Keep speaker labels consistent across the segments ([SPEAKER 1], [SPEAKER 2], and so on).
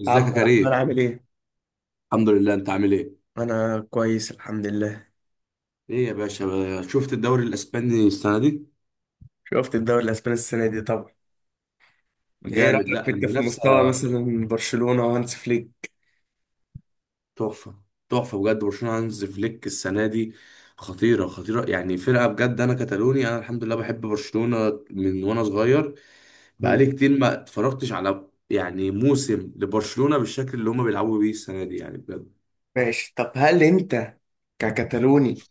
[SPEAKER 1] ازيك يا
[SPEAKER 2] عبد الرحمن
[SPEAKER 1] كريم؟
[SPEAKER 2] عامل ايه؟
[SPEAKER 1] الحمد لله، انت عامل ايه؟
[SPEAKER 2] انا كويس الحمد لله.
[SPEAKER 1] ايه يا باشا، شفت الدوري الاسباني السنه دي؟
[SPEAKER 2] شفت الدوري الاسباني السنه دي طبعا. ايه
[SPEAKER 1] جامد،
[SPEAKER 2] رايك
[SPEAKER 1] لا
[SPEAKER 2] في انت في مستوى
[SPEAKER 1] المنافسه
[SPEAKER 2] مثلا برشلونه وهانس فليك؟
[SPEAKER 1] تحفه. تحفه بجد برشلونه هانز فليك السنه دي. خطيره خطيره، يعني فرقه بجد. انا كتالوني، انا الحمد لله بحب برشلونه من وانا صغير.
[SPEAKER 2] مم.
[SPEAKER 1] بقالي كتير ما اتفرجتش على يعني موسم لبرشلونه بالشكل اللي هما بيلعبوا بيه السنه دي، يعني بجد.
[SPEAKER 2] ماشي، طب هل انت ككتالوني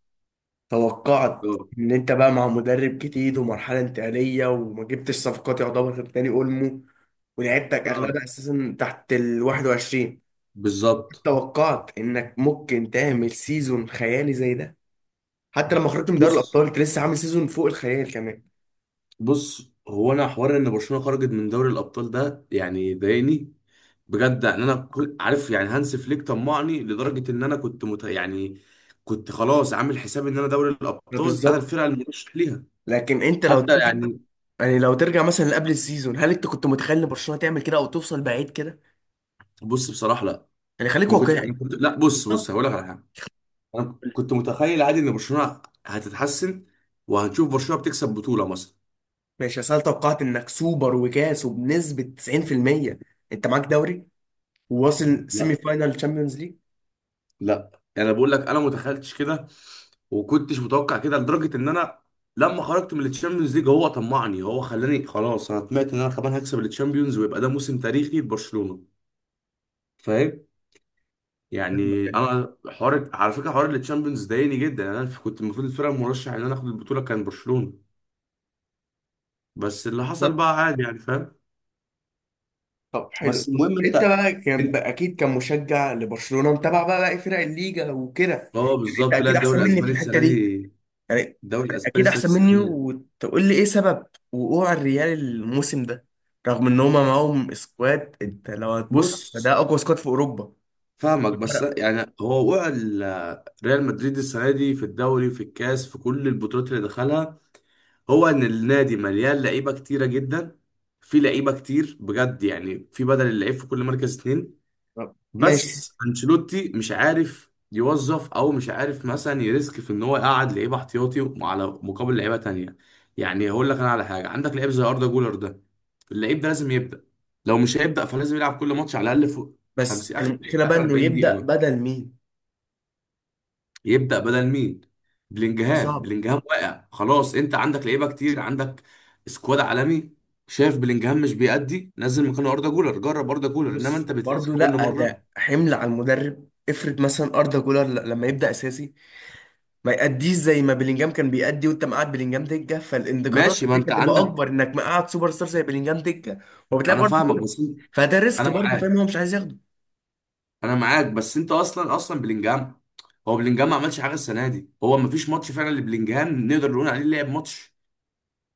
[SPEAKER 2] توقعت
[SPEAKER 1] اه.
[SPEAKER 2] ان انت بقى مع مدرب جديد ومرحله انتقاليه وما جبتش صفقات يعتبر غير داني اولمو، ولعبتك
[SPEAKER 1] اه
[SPEAKER 2] اغلبها اساسا تحت ال 21؟
[SPEAKER 1] بالظبط.
[SPEAKER 2] توقعت انك ممكن تعمل سيزون خيالي زي ده؟ حتى لما خرجت من دوري
[SPEAKER 1] بص
[SPEAKER 2] الابطال انت لسه عامل سيزون فوق الخيال كمان.
[SPEAKER 1] بص هو انا حوار ان برشلونه خرجت من دوري الابطال ده يعني ضايقني بجد. ان انا كل عارف يعني هانس فليك طمعني لدرجه ان انا كنت مت... يعني كنت خلاص عامل حساب ان انا دوري
[SPEAKER 2] ده
[SPEAKER 1] الابطال انا
[SPEAKER 2] بالظبط.
[SPEAKER 1] الفرقه المرشح ليها.
[SPEAKER 2] لكن انت لو
[SPEAKER 1] حتى
[SPEAKER 2] ترجع
[SPEAKER 1] يعني.
[SPEAKER 2] يعني لو ترجع مثلا لقبل السيزون، هل انت كنت متخيل ان برشلونه تعمل كده او توصل بعيد كده؟
[SPEAKER 1] بص بصراحه لا.
[SPEAKER 2] يعني خليك
[SPEAKER 1] ما كنت يعني
[SPEAKER 2] واقعي.
[SPEAKER 1] كنت لا، بص
[SPEAKER 2] بالظبط.
[SPEAKER 1] هقول لك على حاجه. انا كنت متخيل عادي ان برشلونه هتتحسن، وهنشوف برشلونه بتكسب بطوله مثلا.
[SPEAKER 2] ماشي، اصل أنا توقعت انك سوبر وكاس وبنسبه 90%، انت معاك دوري، وواصل سيمي
[SPEAKER 1] لا
[SPEAKER 2] فاينال تشامبيونز ليج.
[SPEAKER 1] لا يعني انا بقول لك انا متخيلتش كده وكنتش متوقع كده لدرجه ان انا لما خرجت من التشامبيونز ليج هو طمعني، هو خلاني خلاص انا طمعت ان انا كمان هكسب التشامبيونز ويبقى ده موسم تاريخي لبرشلونه. فاهم؟
[SPEAKER 2] فاهمك،
[SPEAKER 1] يعني
[SPEAKER 2] يعني.
[SPEAKER 1] انا حوار، على فكره حوار التشامبيونز ضايقني جدا. يعني انا كنت المفروض الفرقه المرشح ان انا اخد البطوله كان برشلونه، بس اللي حصل
[SPEAKER 2] بالظبط.
[SPEAKER 1] بقى عادي يعني، فاهم؟
[SPEAKER 2] طب حلو،
[SPEAKER 1] بس
[SPEAKER 2] طب
[SPEAKER 1] المهم
[SPEAKER 2] انت
[SPEAKER 1] انت.
[SPEAKER 2] بقى كان بقى اكيد كمشجع لبرشلونه متابع بقى باقي فرق الليجا وكده،
[SPEAKER 1] اه
[SPEAKER 2] يعني انت
[SPEAKER 1] بالظبط، لا
[SPEAKER 2] اكيد احسن
[SPEAKER 1] الدوري
[SPEAKER 2] مني في
[SPEAKER 1] الاسباني
[SPEAKER 2] الحته
[SPEAKER 1] السنه
[SPEAKER 2] دي.
[SPEAKER 1] دي،
[SPEAKER 2] يعني
[SPEAKER 1] الدوري الاسباني
[SPEAKER 2] اكيد
[SPEAKER 1] السنه دي
[SPEAKER 2] احسن مني،
[SPEAKER 1] سخنيه.
[SPEAKER 2] وتقول لي ايه سبب وقوع الريال الموسم ده؟ رغم ان هما معاهم سكواد، انت لو هتبص فده
[SPEAKER 1] بص
[SPEAKER 2] اقوى سكواد في اوروبا.
[SPEAKER 1] فاهمك، بس
[SPEAKER 2] فرق.
[SPEAKER 1] يعني هو وقع ريال مدريد السنه دي في الدوري في الكاس في كل البطولات اللي دخلها. هو ان النادي مليان لعيبه كتيره جدا، في لعيبه كتير بجد، يعني في بدل اللعيب في كل مركز اتنين.
[SPEAKER 2] طب، ماشي.
[SPEAKER 1] بس انشيلوتي مش عارف يوظف، او مش عارف مثلا يريسك في ان هو يقعد لعيبه احتياطي على مقابل لعيبه تانية. يعني هقول لك انا على حاجه، عندك لعيب زي اردا جولر ده، اللعيب ده لازم يبدا. لو مش هيبدا فلازم يلعب كل ماتش على الاقل فوق
[SPEAKER 2] بس
[SPEAKER 1] 50 اخر،
[SPEAKER 2] المشكله بقى
[SPEAKER 1] اخر
[SPEAKER 2] انه
[SPEAKER 1] 40
[SPEAKER 2] يبدا
[SPEAKER 1] دقيقه.
[SPEAKER 2] بدل مين؟
[SPEAKER 1] يبدأ بدل مين؟
[SPEAKER 2] دي
[SPEAKER 1] بلينجهام.
[SPEAKER 2] صعبه.
[SPEAKER 1] بلينجهام واقع خلاص، انت عندك لعيبه كتير، عندك سكواد عالمي. شايف بلينجهام مش بيأدي، نزل مكانه اردا جولر، جرب اردا جولر، انما
[SPEAKER 2] بص
[SPEAKER 1] انت بترسك
[SPEAKER 2] برضو
[SPEAKER 1] كل
[SPEAKER 2] لا،
[SPEAKER 1] مره.
[SPEAKER 2] ده حمل على المدرب. افرض مثلا اردا جولر لما يبدا اساسي، ما يأديش زي ما بلينجهام كان بيأدي، وانت مقعد بلينجهام دكه، فالانتقادات
[SPEAKER 1] ماشي ما
[SPEAKER 2] عليك
[SPEAKER 1] انت
[SPEAKER 2] هتبقى
[SPEAKER 1] عندك.
[SPEAKER 2] اكبر انك مقعد سوبر ستار زي بلينجهام دكه. وبتلاقي
[SPEAKER 1] انا
[SPEAKER 2] برضو
[SPEAKER 1] فاهمك
[SPEAKER 2] كده.
[SPEAKER 1] بس
[SPEAKER 2] فده ريسك
[SPEAKER 1] انا
[SPEAKER 2] برضو،
[SPEAKER 1] معاك،
[SPEAKER 2] فاهم، هو مش عايز ياخده.
[SPEAKER 1] انا معاك، بس انت اصلا بلينجهام، هو بلينجهام ما عملش حاجه السنه دي، هو ما فيش ماتش فعلا لبلينجهام نقدر نقول عليه لعب ماتش.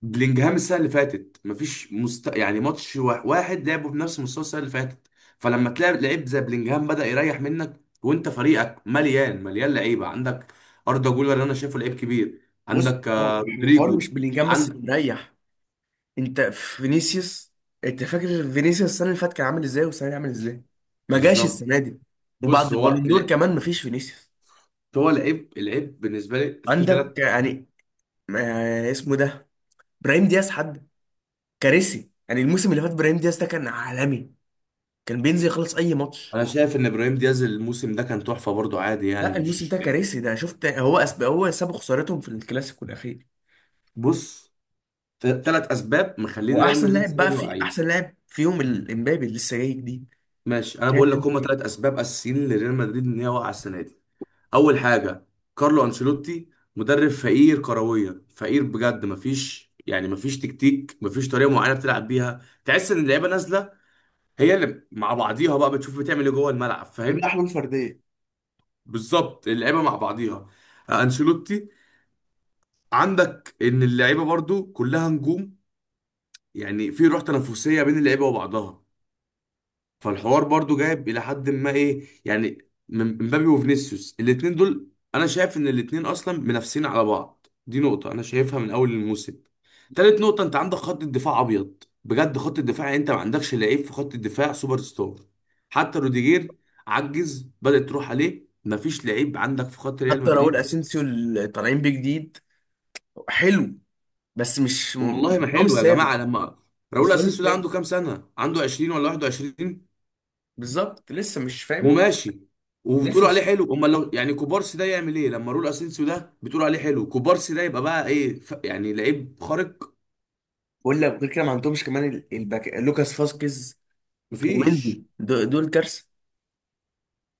[SPEAKER 1] بلينجهام السنه اللي فاتت مفيش مست... يعني ماتش واحد لعبه بنفس مستوى السنه اللي فاتت. فلما تلاعب لعيب زي بلينجهام بدأ يريح منك وانت فريقك مليان، لعيبه عندك. اردا جولر انا شايفه لعيب كبير.
[SPEAKER 2] بص
[SPEAKER 1] عندك
[SPEAKER 2] هو
[SPEAKER 1] آه،
[SPEAKER 2] الحوار
[SPEAKER 1] رودريجو.
[SPEAKER 2] مش بلينجهام بس
[SPEAKER 1] عندك.
[SPEAKER 2] اللي مريح. انت فينيسيوس، انت فاكر فينيسيوس السنه اللي فاتت كان عامل ازاي والسنه دي عامل ازاي؟ ما جاش
[SPEAKER 1] بالظبط.
[SPEAKER 2] السنه دي. وبعد
[SPEAKER 1] بص هو
[SPEAKER 2] البالون دور
[SPEAKER 1] ال-
[SPEAKER 2] كمان ما فيش فينيسيوس.
[SPEAKER 1] هو لعيب العيب بالنسبه لي في
[SPEAKER 2] عندك
[SPEAKER 1] ثلاث.
[SPEAKER 2] يعني اسمه ده، ابراهيم دياز، حد كارثي يعني. الموسم اللي فات ابراهيم دياز ده كان عالمي، كان بينزل يخلص اي ماتش.
[SPEAKER 1] انا شايف ان ابراهيم دياز الموسم ده كان تحفه برضو عادي، يعني
[SPEAKER 2] لا الموسم
[SPEAKER 1] مش.
[SPEAKER 2] ده كارثي ده، شفت، هو سبب خسارتهم في الكلاسيكو الاخير.
[SPEAKER 1] بص، ثلاث اسباب مخلين ريال
[SPEAKER 2] واحسن
[SPEAKER 1] مدريد
[SPEAKER 2] لاعب
[SPEAKER 1] السنه
[SPEAKER 2] بقى
[SPEAKER 1] دي
[SPEAKER 2] في،
[SPEAKER 1] واقعين.
[SPEAKER 2] احسن لاعب فيهم الامبابي اللي لسه جاي جديد.
[SPEAKER 1] ماشي، انا
[SPEAKER 2] شايف
[SPEAKER 1] بقول لك
[SPEAKER 2] انت
[SPEAKER 1] هما ثلاث
[SPEAKER 2] ايه؟
[SPEAKER 1] اسباب اساسيين لريال مدريد ان هي واقعه السنه دي. اول حاجه، كارلو انشيلوتي مدرب فقير كرويا، فقير بجد، مفيش يعني مفيش تكتيك، مفيش طريقه معينه بتلعب بيها، تحس ان اللعيبه نازله هي اللي مع بعضيها بقى بتشوف بتعمل ايه جوه الملعب،
[SPEAKER 2] كلها
[SPEAKER 1] فاهم؟
[SPEAKER 2] حلول فرديه.
[SPEAKER 1] بالظبط، اللعيبه مع بعضيها. آه، انشيلوتي. عندك ان اللعيبه برضو كلها نجوم، يعني في روح تنافسيه بين اللعيبه وبعضها، فالحوار برضو جايب الى حد ما ايه يعني، من مبابي وفينيسيوس الاتنين دول. انا شايف ان الاتنين اصلا منافسين على بعض، دي نقطة انا شايفها من اول الموسم. تالت نقطة، انت عندك خط الدفاع ابيض بجد، خط الدفاع يعني انت ما عندكش لعيب في خط الدفاع سوبر ستار. حتى روديجير عجز بدأت تروح عليه، مفيش لعيب عندك في خط ريال
[SPEAKER 2] حتى راؤول
[SPEAKER 1] مدريد اصلا.
[SPEAKER 2] اسينسيو اللي طالعين بيه جديد حلو، بس مش
[SPEAKER 1] والله ما
[SPEAKER 2] مستواه مش
[SPEAKER 1] حلو يا جماعة،
[SPEAKER 2] ثابت.
[SPEAKER 1] لما راؤول
[SPEAKER 2] مستواه مش
[SPEAKER 1] اسينسيو ده
[SPEAKER 2] ثابت،
[SPEAKER 1] عنده كام سنة؟ عنده 20 ولا 21؟
[SPEAKER 2] بالظبط. لسه مش فاهم.
[SPEAKER 1] وماشي،
[SPEAKER 2] لسه
[SPEAKER 1] وبتقولوا
[SPEAKER 2] مش.
[SPEAKER 1] عليه حلو، امال لو يعني كوبارسي ده يعمل ايه؟ لما رول اسينسيو ده بتقولوا عليه حلو، كوبارسي ده يبقى بقى ايه ف... يعني لعيب خارق.
[SPEAKER 2] ولا غير كده ما عندهمش كمان الباك لوكاس فاسكيز،
[SPEAKER 1] مفيش.
[SPEAKER 2] ومندي، دول كارثه.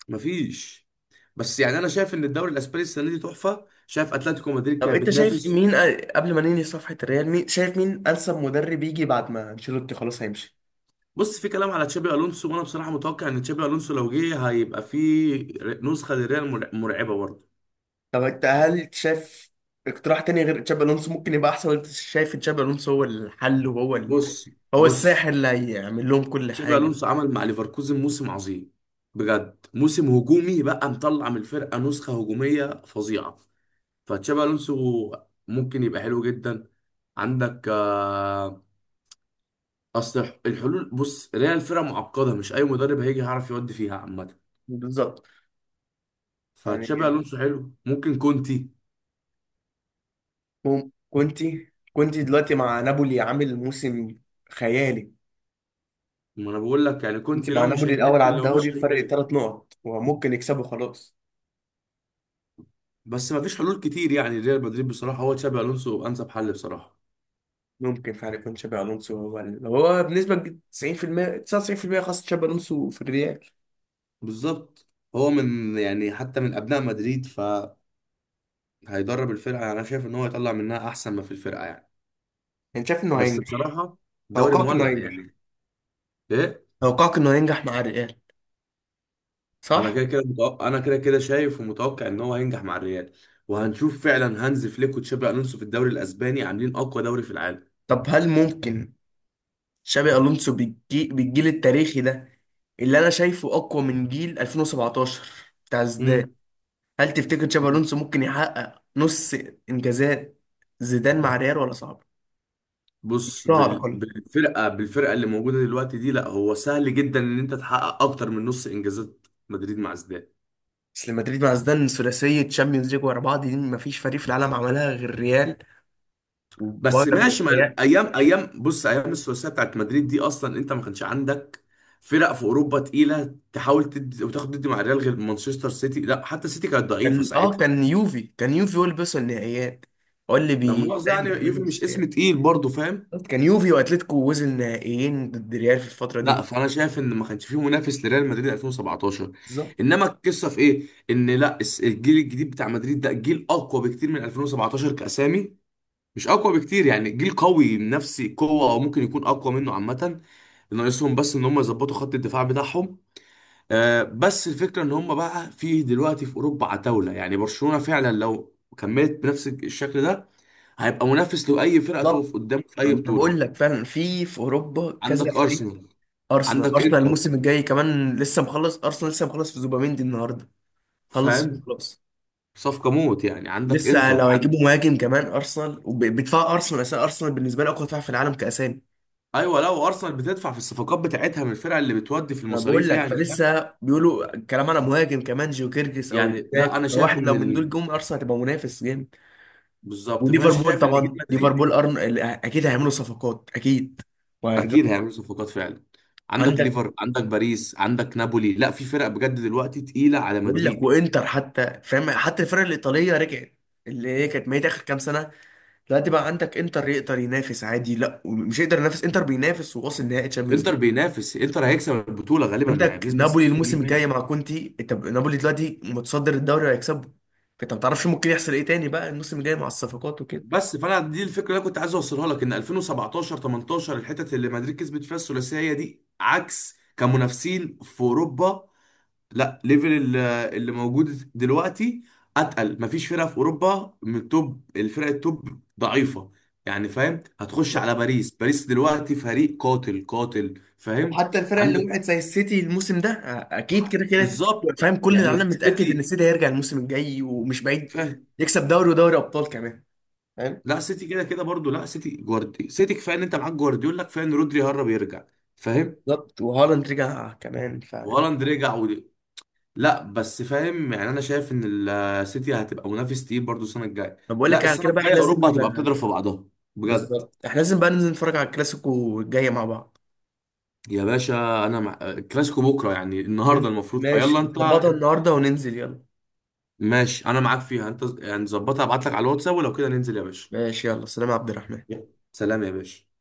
[SPEAKER 1] مفيش. بس يعني انا شايف ان الدوري الاسباني السنه دي تحفه، شايف اتلتيكو مدريد
[SPEAKER 2] طب
[SPEAKER 1] كانت
[SPEAKER 2] انت شايف
[SPEAKER 1] بتنافس.
[SPEAKER 2] مين، قبل ما ننهي صفحه الريال، مين شايف، مين انسب مدرب يجي بعد ما انشيلوتي خلاص هيمشي؟
[SPEAKER 1] بص، في كلام على تشابي الونسو، وانا بصراحه متوقع ان تشابي الونسو لو جه هيبقى في نسخه للريال مرعبه برضه.
[SPEAKER 2] طب انت هل شايف اقتراح تاني غير تشابي الونسو ممكن يبقى احسن، ولا أنت شايف تشابي الونسو هو الحل،
[SPEAKER 1] بص
[SPEAKER 2] هو الساحر
[SPEAKER 1] بص
[SPEAKER 2] اللي هيعمل لهم كل
[SPEAKER 1] تشابي
[SPEAKER 2] حاجه؟
[SPEAKER 1] الونسو عمل مع ليفركوزن موسم عظيم، بجد موسم هجومي، بقى مطلع من الفرقه نسخه هجوميه فظيعه. فتشابي الونسو ممكن يبقى حلو جدا. عندك آه، اصل الحلول، بص ريال فرقه معقده، مش اي مدرب هيجي يعرف يودي فيها عامه.
[SPEAKER 2] بالظبط، يعني.
[SPEAKER 1] فتشابي الونسو حلو، ممكن كونتي.
[SPEAKER 2] مم- كنت كنت دلوقتي مع نابولي عامل موسم خيالي.
[SPEAKER 1] ما انا بقول لك يعني
[SPEAKER 2] انت
[SPEAKER 1] كونتي
[SPEAKER 2] مع
[SPEAKER 1] لو مش
[SPEAKER 2] نابولي
[SPEAKER 1] هي...
[SPEAKER 2] الاول
[SPEAKER 1] ممكن
[SPEAKER 2] على
[SPEAKER 1] لو
[SPEAKER 2] الدوري
[SPEAKER 1] مشي يروح
[SPEAKER 2] بفرق
[SPEAKER 1] ريال.
[SPEAKER 2] ثلاث نقط وممكن يكسبوا خلاص.
[SPEAKER 1] بس ما فيش حلول كتير يعني، ريال مدريد بصراحه هو تشابي الونسو انسب حل بصراحه.
[SPEAKER 2] ممكن فعلا يكون شابي الونسو هو هو بنسبه 90% 99%، خاصه شابي الونسو في الريال.
[SPEAKER 1] بالظبط، هو من يعني حتى من ابناء مدريد، ف هيدرب الفرقه، يعني انا شايف ان هو يطلع منها احسن ما في الفرقه يعني.
[SPEAKER 2] يعني شايف انه
[SPEAKER 1] بس
[SPEAKER 2] هينجح؟
[SPEAKER 1] بصراحه دوري
[SPEAKER 2] توقعك انه
[SPEAKER 1] مولع
[SPEAKER 2] هينجح؟
[SPEAKER 1] يعني. ايه.
[SPEAKER 2] توقعك انه هينجح مع الريال،
[SPEAKER 1] انا
[SPEAKER 2] صح؟
[SPEAKER 1] كده كده متوقع، انا كده كده شايف ومتوقع ان هو هينجح مع الريال، وهنشوف فعلا هانز فليك وتشابي الونسو في الدوري الاسباني عاملين اقوى دوري في العالم.
[SPEAKER 2] طب هل ممكن شابي الونسو بالجيل التاريخي ده، اللي انا شايفه اقوى من جيل 2017 بتاع زيدان،
[SPEAKER 1] امم
[SPEAKER 2] هل تفتكر تشابي الونسو ممكن يحقق نص انجازات زيدان مع ريال ولا صعب؟
[SPEAKER 1] بص
[SPEAKER 2] لا على الاقل.
[SPEAKER 1] بالفرقه، بالفرقه اللي موجوده دلوقتي دي، لا هو سهل جدا ان انت تحقق اكتر من نص انجازات مدريد مع زيدان.
[SPEAKER 2] اصل مدريد مع زيدان ثلاثيه تشامبيونز ليج ورا بعض، دي مفيش فريق في العالم عملها غير ريال
[SPEAKER 1] بس
[SPEAKER 2] وبايرن
[SPEAKER 1] ماشي، ما
[SPEAKER 2] بتهيألي.
[SPEAKER 1] ايام، ايام بص ايام الثلاثيه بتاعت مدريد دي اصلا انت ما كانش عندك فرق في اوروبا تقيله تحاول تدي وتاخد ضد مع ريال غير مانشستر سيتي، لا حتى سيتي كانت ضعيفه
[SPEAKER 2] كان اه
[SPEAKER 1] ساعتها.
[SPEAKER 2] كان يوفي كان يوفي هو اللي بيوصل النهائيات، هو اللي
[SPEAKER 1] لما مؤاخذه
[SPEAKER 2] فاهم،
[SPEAKER 1] يعني يوفي
[SPEAKER 2] بينافس
[SPEAKER 1] مش
[SPEAKER 2] ريال.
[SPEAKER 1] اسم تقيل برضه، فاهم؟
[SPEAKER 2] بالظبط، كان يوفي واتلتيكو وصل نهائيين ضد ريال في الفتره
[SPEAKER 1] لا
[SPEAKER 2] دي.
[SPEAKER 1] فانا شايف ان ما كانش فيه منافس لريال مدريد 2017.
[SPEAKER 2] بالظبط.
[SPEAKER 1] انما القصه في ايه ان لا، الجيل الجديد بتاع مدريد ده جيل اقوى بكتير من 2017 كاسامي. مش اقوى بكتير يعني، جيل قوي نفسي قوه، او ممكن يكون اقوى منه عامه. ناقصهم بس ان هم يظبطوا خط الدفاع بتاعهم. آه بس الفكره ان هم بقى في دلوقتي في اوروبا عتاوله، يعني برشلونه فعلا لو كملت بنفس الشكل ده هيبقى منافس لاي فرقه تقف
[SPEAKER 2] بالظبط،
[SPEAKER 1] قدامه في اي
[SPEAKER 2] انا بقول
[SPEAKER 1] بطوله.
[SPEAKER 2] لك فعلا، في اوروبا كذا
[SPEAKER 1] عندك
[SPEAKER 2] فريق.
[SPEAKER 1] ارسنال.
[SPEAKER 2] ارسنال،
[SPEAKER 1] عندك
[SPEAKER 2] ارسنال
[SPEAKER 1] انتر،
[SPEAKER 2] الموسم الجاي كمان لسه مخلص، ارسنال لسه مخلص في زوباميندي النهارده، خلص فيه
[SPEAKER 1] فاهم؟
[SPEAKER 2] خلاص.
[SPEAKER 1] صفقه موت يعني، عندك
[SPEAKER 2] لسه
[SPEAKER 1] انتر
[SPEAKER 2] لو هيجيبوا
[SPEAKER 1] عندك.
[SPEAKER 2] مهاجم كمان، ارسنال وبيدفع ارسنال، اساسا ارسنال بالنسبه لي اقوى دفاع في العالم كاسامي.
[SPEAKER 1] ايوه لو ارسنال بتدفع في الصفقات بتاعتها من الفرقه اللي بتودي في
[SPEAKER 2] انا بقول
[SPEAKER 1] المصاريف
[SPEAKER 2] لك
[SPEAKER 1] يعني، فاهم؟
[SPEAKER 2] فلسه بيقولوا الكلام على مهاجم كمان، جيو كيرجس او
[SPEAKER 1] يعني لا
[SPEAKER 2] جاك،
[SPEAKER 1] انا شايف
[SPEAKER 2] فواحد
[SPEAKER 1] ان
[SPEAKER 2] لو من دول جم ارسنال هتبقى منافس جامد.
[SPEAKER 1] بالظبط، فانا
[SPEAKER 2] وليفربول
[SPEAKER 1] شايف ان جيل
[SPEAKER 2] طبعا،
[SPEAKER 1] مدريد.
[SPEAKER 2] ليفربول اكيد هيعملوا صفقات، اكيد
[SPEAKER 1] اكيد
[SPEAKER 2] وهيرجعوا.
[SPEAKER 1] هيعملوا صفقات فعلا. عندك
[SPEAKER 2] عندك،
[SPEAKER 1] ليفر، عندك باريس، عندك نابولي، لا في فرق بجد دلوقتي تقيله على
[SPEAKER 2] بقول لك،
[SPEAKER 1] مدريد.
[SPEAKER 2] وانتر حتى، فاهم، حتى الفرق الايطاليه رجعت اللي هي كانت ميتة آخر كام سنة. دلوقتي بقى عندك انتر يقدر ينافس عادي، لا مش يقدر ينافس، انتر بينافس وواصل نهائي تشامبيونز.
[SPEAKER 1] انتر بينافس، انتر هيكسب البطوله غالبا يعني
[SPEAKER 2] عندك
[SPEAKER 1] بنسبه
[SPEAKER 2] نابولي الموسم الجاي
[SPEAKER 1] 60%.
[SPEAKER 2] مع كونتي، انت نابولي دلوقتي متصدر الدوري وهيكسبه. فانت ما تعرفش ممكن يحصل ايه تاني بقى الموسم الجاي مع الصفقات وكده.
[SPEAKER 1] بس، فانا دي الفكره اللي أنا كنت عايز اوصلها لك ان 2017 18 الحتت اللي مدريد كسبت فيها الثلاثيه دي، عكس كمنافسين في اوروبا لا، اللي موجود دلوقتي اتقل. مفيش فرقه في اوروبا من التوب، الفرق التوب ضعيفه يعني، فاهم؟ هتخش
[SPEAKER 2] بالظبط.
[SPEAKER 1] على باريس، باريس دلوقتي فريق قاتل قاتل، فاهم؟
[SPEAKER 2] وحتى الفرق اللي
[SPEAKER 1] عندك
[SPEAKER 2] وقعت زي السيتي الموسم ده، اكيد كده كده،
[SPEAKER 1] بالظبط
[SPEAKER 2] فاهم، كل
[SPEAKER 1] يعني
[SPEAKER 2] العالم متاكد ان
[SPEAKER 1] سيتي،
[SPEAKER 2] السيتي هيرجع الموسم الجاي ومش بعيد
[SPEAKER 1] فاهم؟
[SPEAKER 2] يكسب دوري ودوري ابطال كمان، فاهم.
[SPEAKER 1] لا سيتي كده كده برضو، لا سيتي سيتي كفايه ان انت معاك جوارديولا، كفايه ان رودري هرب يرجع، فاهم؟
[SPEAKER 2] بالظبط، وهالاند رجع كمان.
[SPEAKER 1] وهالاند رجع. لا بس فاهم يعني، انا شايف ان السيتي هتبقى منافس تقيل برضو السنه الجايه.
[SPEAKER 2] طب بقول
[SPEAKER 1] لا
[SPEAKER 2] لك على
[SPEAKER 1] السنه
[SPEAKER 2] كده بقى،
[SPEAKER 1] الجايه
[SPEAKER 2] احنا
[SPEAKER 1] اوروبا
[SPEAKER 2] لازم.
[SPEAKER 1] هتبقى بتضرب في بعضها بجد.
[SPEAKER 2] بالظبط، احنا لازم بقى ننزل نتفرج على الكلاسيكو الجاي مع بعض.
[SPEAKER 1] يا باشا، انا مع... كلاسيكو بكره يعني، النهارده
[SPEAKER 2] ننزل،
[SPEAKER 1] المفروض فيلا
[SPEAKER 2] ماشي
[SPEAKER 1] انت.
[SPEAKER 2] نظبطها النهارده وننزل يلا.
[SPEAKER 1] ماشي انا معاك فيها انت، يعني ظبطها، ابعت لك على الواتساب ولو كده ننزل يا باشا.
[SPEAKER 2] ماشي، يلا سلام يا عبد الرحمن.
[SPEAKER 1] يلا. سلام يا باشا.